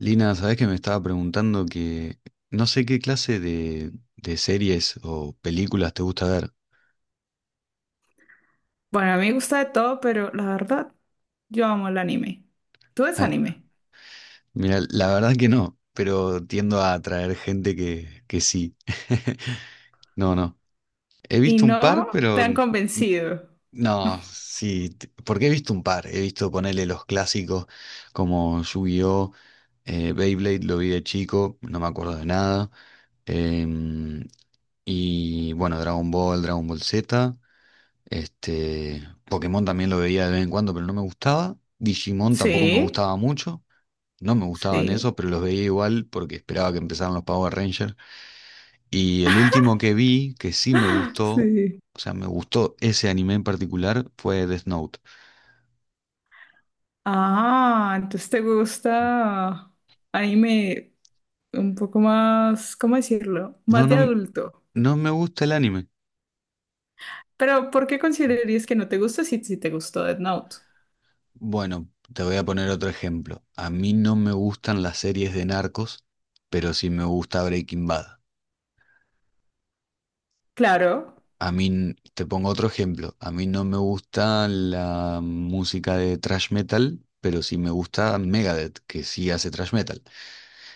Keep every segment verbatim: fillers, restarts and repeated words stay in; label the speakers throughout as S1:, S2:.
S1: Lina, sabés que me estaba preguntando que no sé qué clase de, de series o películas te gusta ver.
S2: Bueno, a mí me gusta de todo, pero la verdad, yo amo el anime. ¿Tú ves
S1: Ah,
S2: anime?
S1: mira, la verdad que no, pero tiendo a atraer gente que, que sí. No, no. He
S2: Y
S1: visto un par,
S2: no
S1: pero
S2: te han
S1: n-
S2: convencido.
S1: no, sí. t- Porque he visto un par. He visto ponerle los clásicos como Yu-Gi-Oh, eh, Beyblade, lo vi de chico, no me acuerdo de nada. Em, y bueno, Dragon Ball, Dragon Ball Z. Este, Pokémon también lo veía de vez en cuando, pero no me gustaba. Digimon tampoco me
S2: Sí,
S1: gustaba mucho. No me gustaban
S2: sí,
S1: esos, pero los veía igual porque esperaba que empezaran los Power Rangers. Y el último que vi, que sí me gustó,
S2: sí.
S1: o sea, me gustó ese anime en particular, fue Death Note.
S2: Ah, entonces te gusta anime un poco más, ¿cómo decirlo?
S1: No,
S2: Más de
S1: no,
S2: adulto.
S1: no me gusta el anime.
S2: Pero ¿por qué considerarías que no te gusta si, si te gustó Death Note?
S1: Bueno, te voy a poner otro ejemplo. A mí no me gustan las series de narcos, pero sí me gusta Breaking Bad.
S2: Claro,
S1: A mí, n- te pongo otro ejemplo, a mí no me gusta la música de thrash metal, pero sí me gusta Megadeth, que sí hace thrash metal.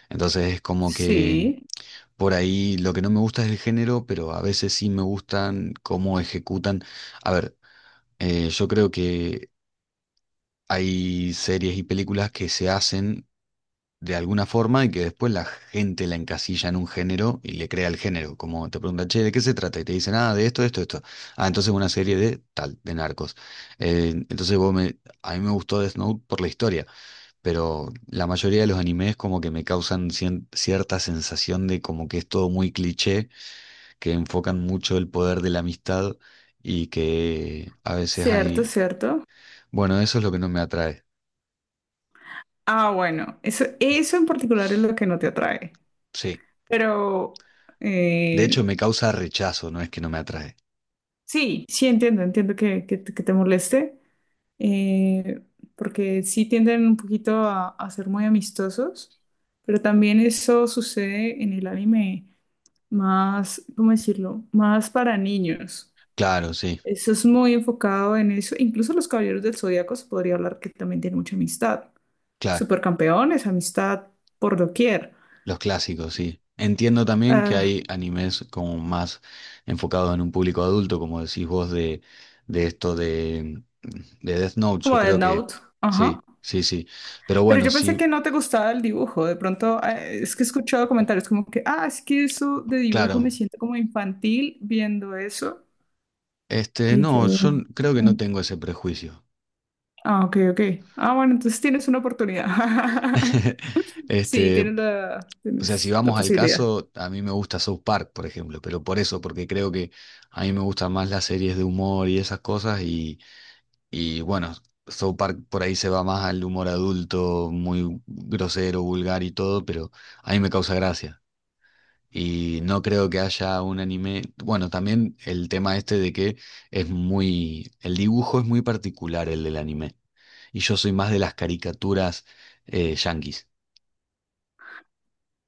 S1: Entonces es como que
S2: sí,
S1: por ahí lo que no me gusta es el género, pero a veces sí me gustan cómo ejecutan. A ver, eh, yo creo que hay series y películas que se hacen de alguna forma y que después la gente la encasilla en un género y le crea el género. Como te preguntan, che, ¿de qué se trata? Y te dicen, ah, de esto, esto, esto. Ah, entonces una serie de tal, de narcos. Eh, entonces vos me, a mí me gustó Death Note por la historia, pero la mayoría de los animes como que me causan cien- cierta sensación de como que es todo muy cliché, que enfocan mucho el poder de la amistad y que a veces
S2: cierto,
S1: hay...
S2: cierto.
S1: Bueno, eso es lo que no me atrae.
S2: Ah, bueno, eso, eso en particular es lo que no te atrae.
S1: Sí.
S2: Pero
S1: De hecho,
S2: eh,
S1: me causa rechazo, no es que no me atrae.
S2: sí, sí entiendo, entiendo que, que te que te moleste, eh, porque sí tienden un poquito a, a ser muy amistosos, pero también eso sucede en el anime más, ¿cómo decirlo? Más para niños.
S1: Claro, sí,
S2: Eso es muy enfocado en eso. Incluso los Caballeros del Zodíaco se podría hablar que también tienen mucha amistad.
S1: claro.
S2: Supercampeones, amistad por doquier.
S1: Los clásicos, sí. Entiendo también que
S2: Ah,
S1: hay animes como más enfocados en un público adulto, como decís vos, de, de esto de, de Death Note, yo
S2: como Death
S1: creo que
S2: Note. Ajá.
S1: sí, sí, sí. Pero
S2: Pero
S1: bueno,
S2: yo pensé
S1: sí,
S2: que no te gustaba el dibujo. De pronto, eh, es que he escuchado comentarios como que, ah, es que eso de dibujo
S1: claro.
S2: me siento como infantil viendo eso.
S1: Este,
S2: Y
S1: no,
S2: yo,
S1: yo n- creo que no
S2: "Mm,
S1: tengo ese prejuicio.
S2: ah, ok, ok. Ah, bueno, entonces tienes una oportunidad. Sí,
S1: Este,
S2: tienes la,
S1: o sea, si
S2: tienes la
S1: vamos al
S2: posibilidad.
S1: caso, a mí me gusta South Park, por ejemplo, pero por eso, porque creo que a mí me gustan más las series de humor y esas cosas. Y bueno, South Park por ahí se va más al humor adulto, muy grosero, vulgar y todo, pero a mí me causa gracia. Y no creo que haya un anime. Bueno, también el tema este de que es muy. El dibujo es muy particular el del anime. Y yo soy más de las caricaturas eh, yanquis.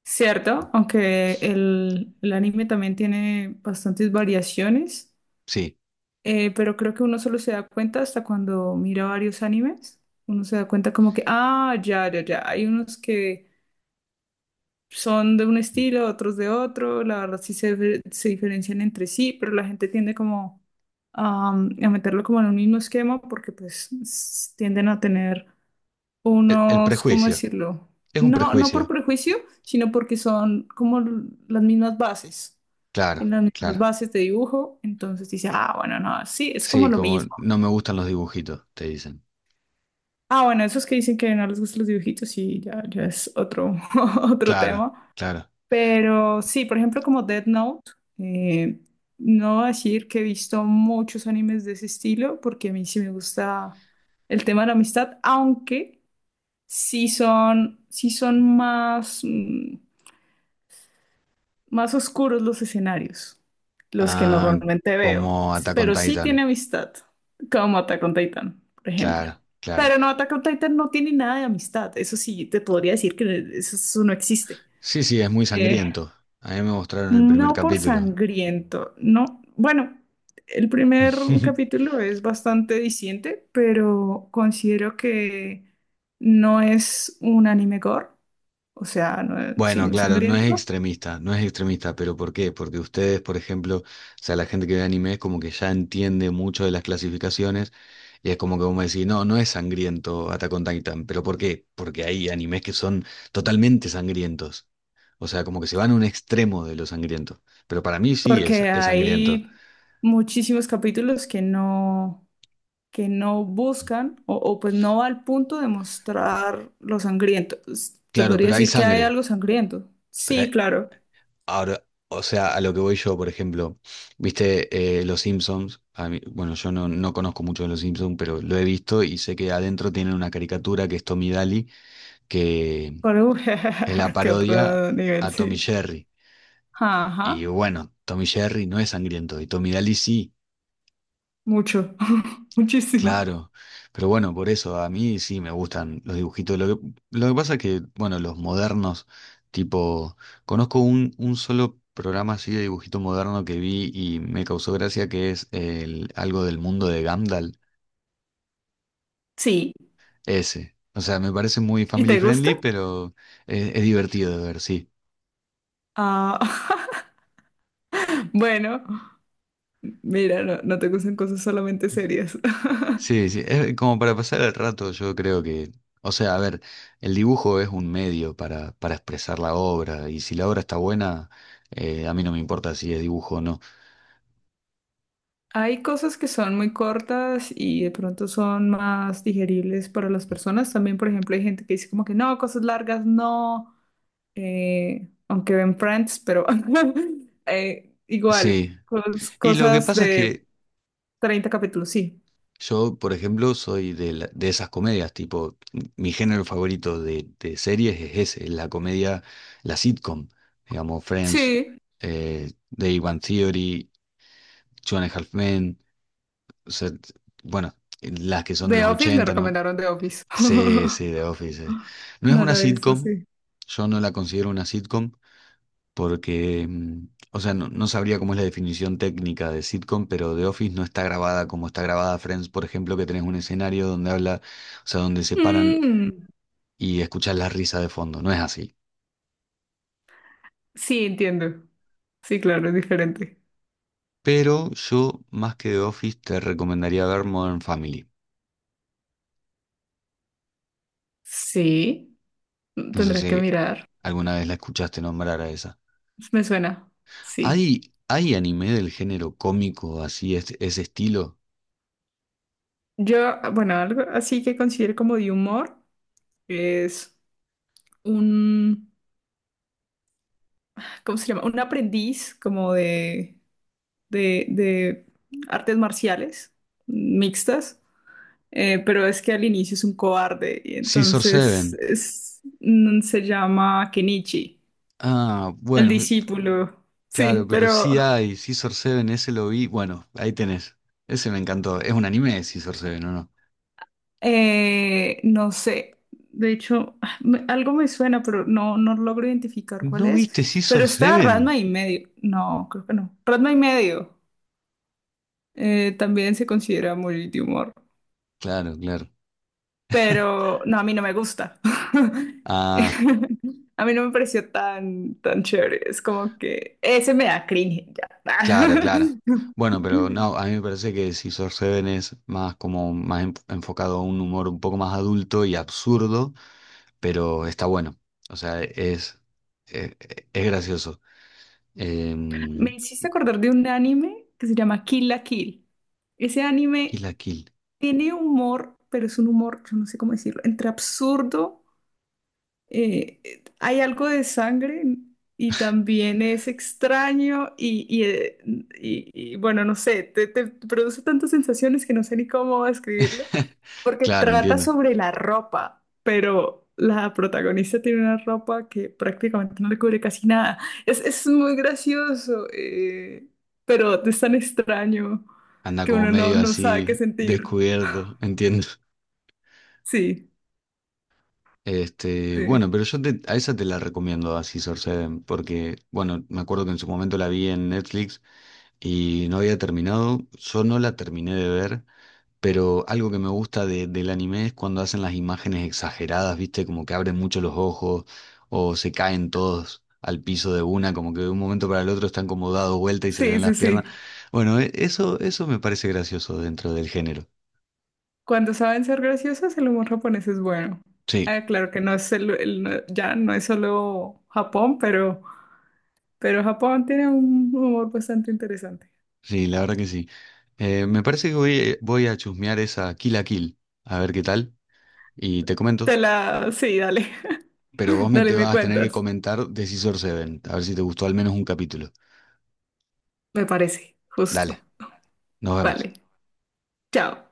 S2: Cierto, aunque el, el anime también tiene bastantes variaciones,
S1: Sí.
S2: eh, pero creo que uno solo se da cuenta hasta cuando mira varios animes. Uno se da cuenta como que, ah, ya, ya, ya. Hay unos que son de un estilo, otros de otro, la verdad sí se, difer- se diferencian entre sí, pero la gente tiende como am, a meterlo como en un mismo esquema porque pues s- tienden a tener
S1: El, el
S2: unos, ¿cómo
S1: prejuicio.
S2: decirlo?
S1: Es un
S2: No, no por
S1: prejuicio.
S2: prejuicio, sino porque son como l- las mismas bases.
S1: Claro,
S2: Tienen las mismas
S1: claro.
S2: bases de dibujo, entonces dice, ah, bueno, no, sí, es como
S1: Sí,
S2: lo
S1: como
S2: mismo.
S1: no me gustan los dibujitos, te dicen.
S2: Ah, bueno, esos que dicen que no les gustan los dibujitos, sí, ya, ya es otro, otro
S1: Claro,
S2: tema.
S1: claro.
S2: Pero sí, por ejemplo, como Death Note, eh, no voy a decir que he visto muchos animes de ese estilo, porque a mí sí me gusta el tema de la amistad, aunque sí son, sí son más, mm, más oscuros los escenarios, los que
S1: Ah,
S2: normalmente veo.
S1: como
S2: Sí,
S1: Attack on
S2: pero sí tiene
S1: Titan.
S2: amistad, como Attack on Titan, por ejemplo.
S1: Claro, claro.
S2: Pero no, Attack on Titan no tiene nada de amistad. Eso sí, te podría decir que eso eso no existe.
S1: Sí, sí, es muy
S2: Eh,
S1: sangriento. A mí me mostraron el primer
S2: No por
S1: capítulo.
S2: sangriento, no. Bueno, el primer capítulo es bastante diciente, pero considero que no es un anime gore, o sea, no, es- sí,
S1: Bueno,
S2: no es
S1: claro, no es
S2: sangriento,
S1: extremista, no es extremista, pero ¿por qué? Porque ustedes, por ejemplo, o sea, la gente que ve anime es como que ya entiende mucho de las clasificaciones y es como que vos me decís, no, no es sangriento Attack on Titan, pero ¿por qué? Porque hay animes que son totalmente sangrientos. O sea, como que se van a un extremo de lo sangriento. Pero para mí sí es,
S2: porque
S1: es sangriento.
S2: hay muchísimos capítulos que no, que no buscan o, o pues no va al punto de mostrar lo sangriento. Te
S1: Claro,
S2: podría
S1: pero hay
S2: decir que hay
S1: sangre.
S2: algo sangriento.
S1: Pero
S2: Sí,
S1: hay-
S2: claro.
S1: Ahora, o sea, a lo que voy yo, por ejemplo, viste eh, Los Simpsons. A mí- bueno, yo no, no conozco mucho de Los Simpsons, pero lo he visto y sé que adentro tienen una caricatura que es Tommy Daly, que
S2: Pero,
S1: es la
S2: qué
S1: parodia
S2: otro nivel,
S1: a Tommy
S2: sí.
S1: Jerry.
S2: Ajá.
S1: Y bueno, Tommy Jerry no es sangriento y Tommy Daly sí.
S2: Mucho, muchísimo.
S1: Claro, pero bueno, por eso a mí sí me gustan los dibujitos. Lo que, lo que pasa es que, bueno, los modernos, tipo, conozco un, un solo programa así de dibujito moderno que vi y me causó gracia que es el, algo del mundo de Gandalf,
S2: Sí.
S1: ese. O sea, me parece muy
S2: ¿Y
S1: family
S2: te gusta?
S1: friendly, pero es, es divertido de ver, sí.
S2: Ah, bueno, mira, no, no te gustan cosas solamente serias.
S1: Sí, sí, es como para pasar el rato, yo creo que, o sea, a ver, el dibujo es un medio para, para expresar la obra y si la obra está buena, eh, a mí no me importa si es dibujo o no.
S2: Hay cosas que son muy cortas y de pronto son más digeribles para las personas. También, por ejemplo, hay gente que dice como que no, cosas largas no, eh, aunque ven Friends, pero eh, igual,
S1: Sí,
S2: cos-
S1: y lo que
S2: cosas
S1: pasa es
S2: de
S1: que
S2: treinta capítulos, sí.
S1: yo, por ejemplo, soy de, la- de esas comedias, tipo, m- mi género favorito de, de series es ese, es la comedia, la sitcom, digamos, Friends,
S2: Sí,
S1: eh, The Big Bang Theory, Two and a Half Men, o sea, t- bueno, las que son de
S2: The
S1: los
S2: Office me
S1: ochenta, ¿no?
S2: recomendaron The Office.
S1: Sí, sí, The Office. eh. No es
S2: No
S1: una
S2: lo hizo,
S1: sitcom,
S2: sí.
S1: yo no la considero una sitcom porque, mm, o sea, no, no sabría cómo es la definición técnica de sitcom, pero The Office no está grabada como está grabada Friends, por ejemplo, que tenés un escenario donde habla, o sea, donde se paran
S2: Mm,
S1: y escuchás la risa de fondo, no es así.
S2: sí, entiendo. Sí, claro, es diferente.
S1: Pero yo, más que The Office, te recomendaría ver Modern Family.
S2: Sí,
S1: No sé
S2: tendrá que
S1: si
S2: mirar.
S1: alguna vez la escuchaste nombrar a esa.
S2: Me suena. Sí.
S1: ¿Hay, hay anime del género cómico así, es- ese estilo?
S2: Yo, bueno, algo así que considero como de humor es un, ¿cómo se llama? Un aprendiz como de, de, de artes marciales mixtas, eh, pero es que al inicio es un cobarde y
S1: Scissor
S2: entonces
S1: Seven.
S2: es- mm, se llama Kenichi.
S1: Ah,
S2: El
S1: bueno, mi-
S2: discípulo, sí,
S1: claro, pero
S2: pero
S1: sí hay, Scissor Seven, ese lo vi. Bueno, ahí tenés. Ese me encantó. Es un anime de Scissor Seven, ¿o no?
S2: eh, no sé. De hecho, ah, me- algo me suena, pero no, no logro identificar cuál
S1: ¿No
S2: es.
S1: viste
S2: Pero
S1: Scissor
S2: está
S1: Seven?
S2: Ranma y medio. No, creo que no. Ranma y medio eh, también se considera muy de humor.
S1: Claro, claro.
S2: Pero no, a mí no me gusta.
S1: Ah,
S2: A mí no me pareció tan, tan chévere. Es como que ese me da cringe ya.
S1: claro, claro. Bueno, pero no, a mí me parece que Scissor Seven es más como más en- enfocado a un humor un poco más adulto y absurdo, pero está bueno. O sea, es, es, es gracioso. Em,
S2: Me hiciste acordar de un anime que se llama Kill la Kill. Ese
S1: Kill
S2: anime
S1: la Kill.
S2: tiene humor, pero es un humor, yo no sé cómo decirlo, entre absurdo eh, eh, hay algo de sangre y también es extraño y, y, eh, y- y, bueno, no sé, te, te produce tantas sensaciones que no sé ni cómo describirlo, porque
S1: Claro,
S2: trata
S1: entiendo.
S2: sobre la ropa, pero la protagonista tiene una ropa que prácticamente no le cubre casi nada. Es, es muy gracioso, eh, pero es tan extraño
S1: Anda
S2: que
S1: como
S2: uno no,
S1: medio
S2: no sabe qué
S1: así
S2: sentir.
S1: descubierto, entiendo.
S2: Sí,
S1: Este, bueno,
S2: sí,
S1: pero yo te- a esa te la recomiendo a Scissor Seven, porque, bueno, me acuerdo que en su momento la vi en Netflix y no había terminado, yo no la terminé de ver, pero algo que me gusta de- del anime es cuando hacen las imágenes exageradas, ¿viste? Como que abren mucho los ojos o se caen todos al piso de una, como que de un momento para el otro están como dados vuelta y se le
S2: sí,
S1: ven las
S2: sí,
S1: piernas.
S2: sí.
S1: Bueno, e- eso, eso me parece gracioso dentro del género.
S2: Cuando saben ser graciosos, el humor japonés es bueno.
S1: Sí.
S2: Ah, claro que no es el, el- no- ya no es solo Japón, pero, pero Japón tiene un humor bastante interesante.
S1: Sí, la verdad que sí. Eh, me parece que voy, eh, voy a chusmear esa Kill a Kill, a ver qué tal, y te comento.
S2: Te la, sí, dale,
S1: Pero vos me
S2: dale,
S1: te
S2: me
S1: vas a tener que
S2: cuentas.
S1: comentar de Scissor Seven, a ver si te gustó al menos un capítulo.
S2: Me parece,
S1: Dale,
S2: justo.
S1: nos vemos.
S2: Vale, chao.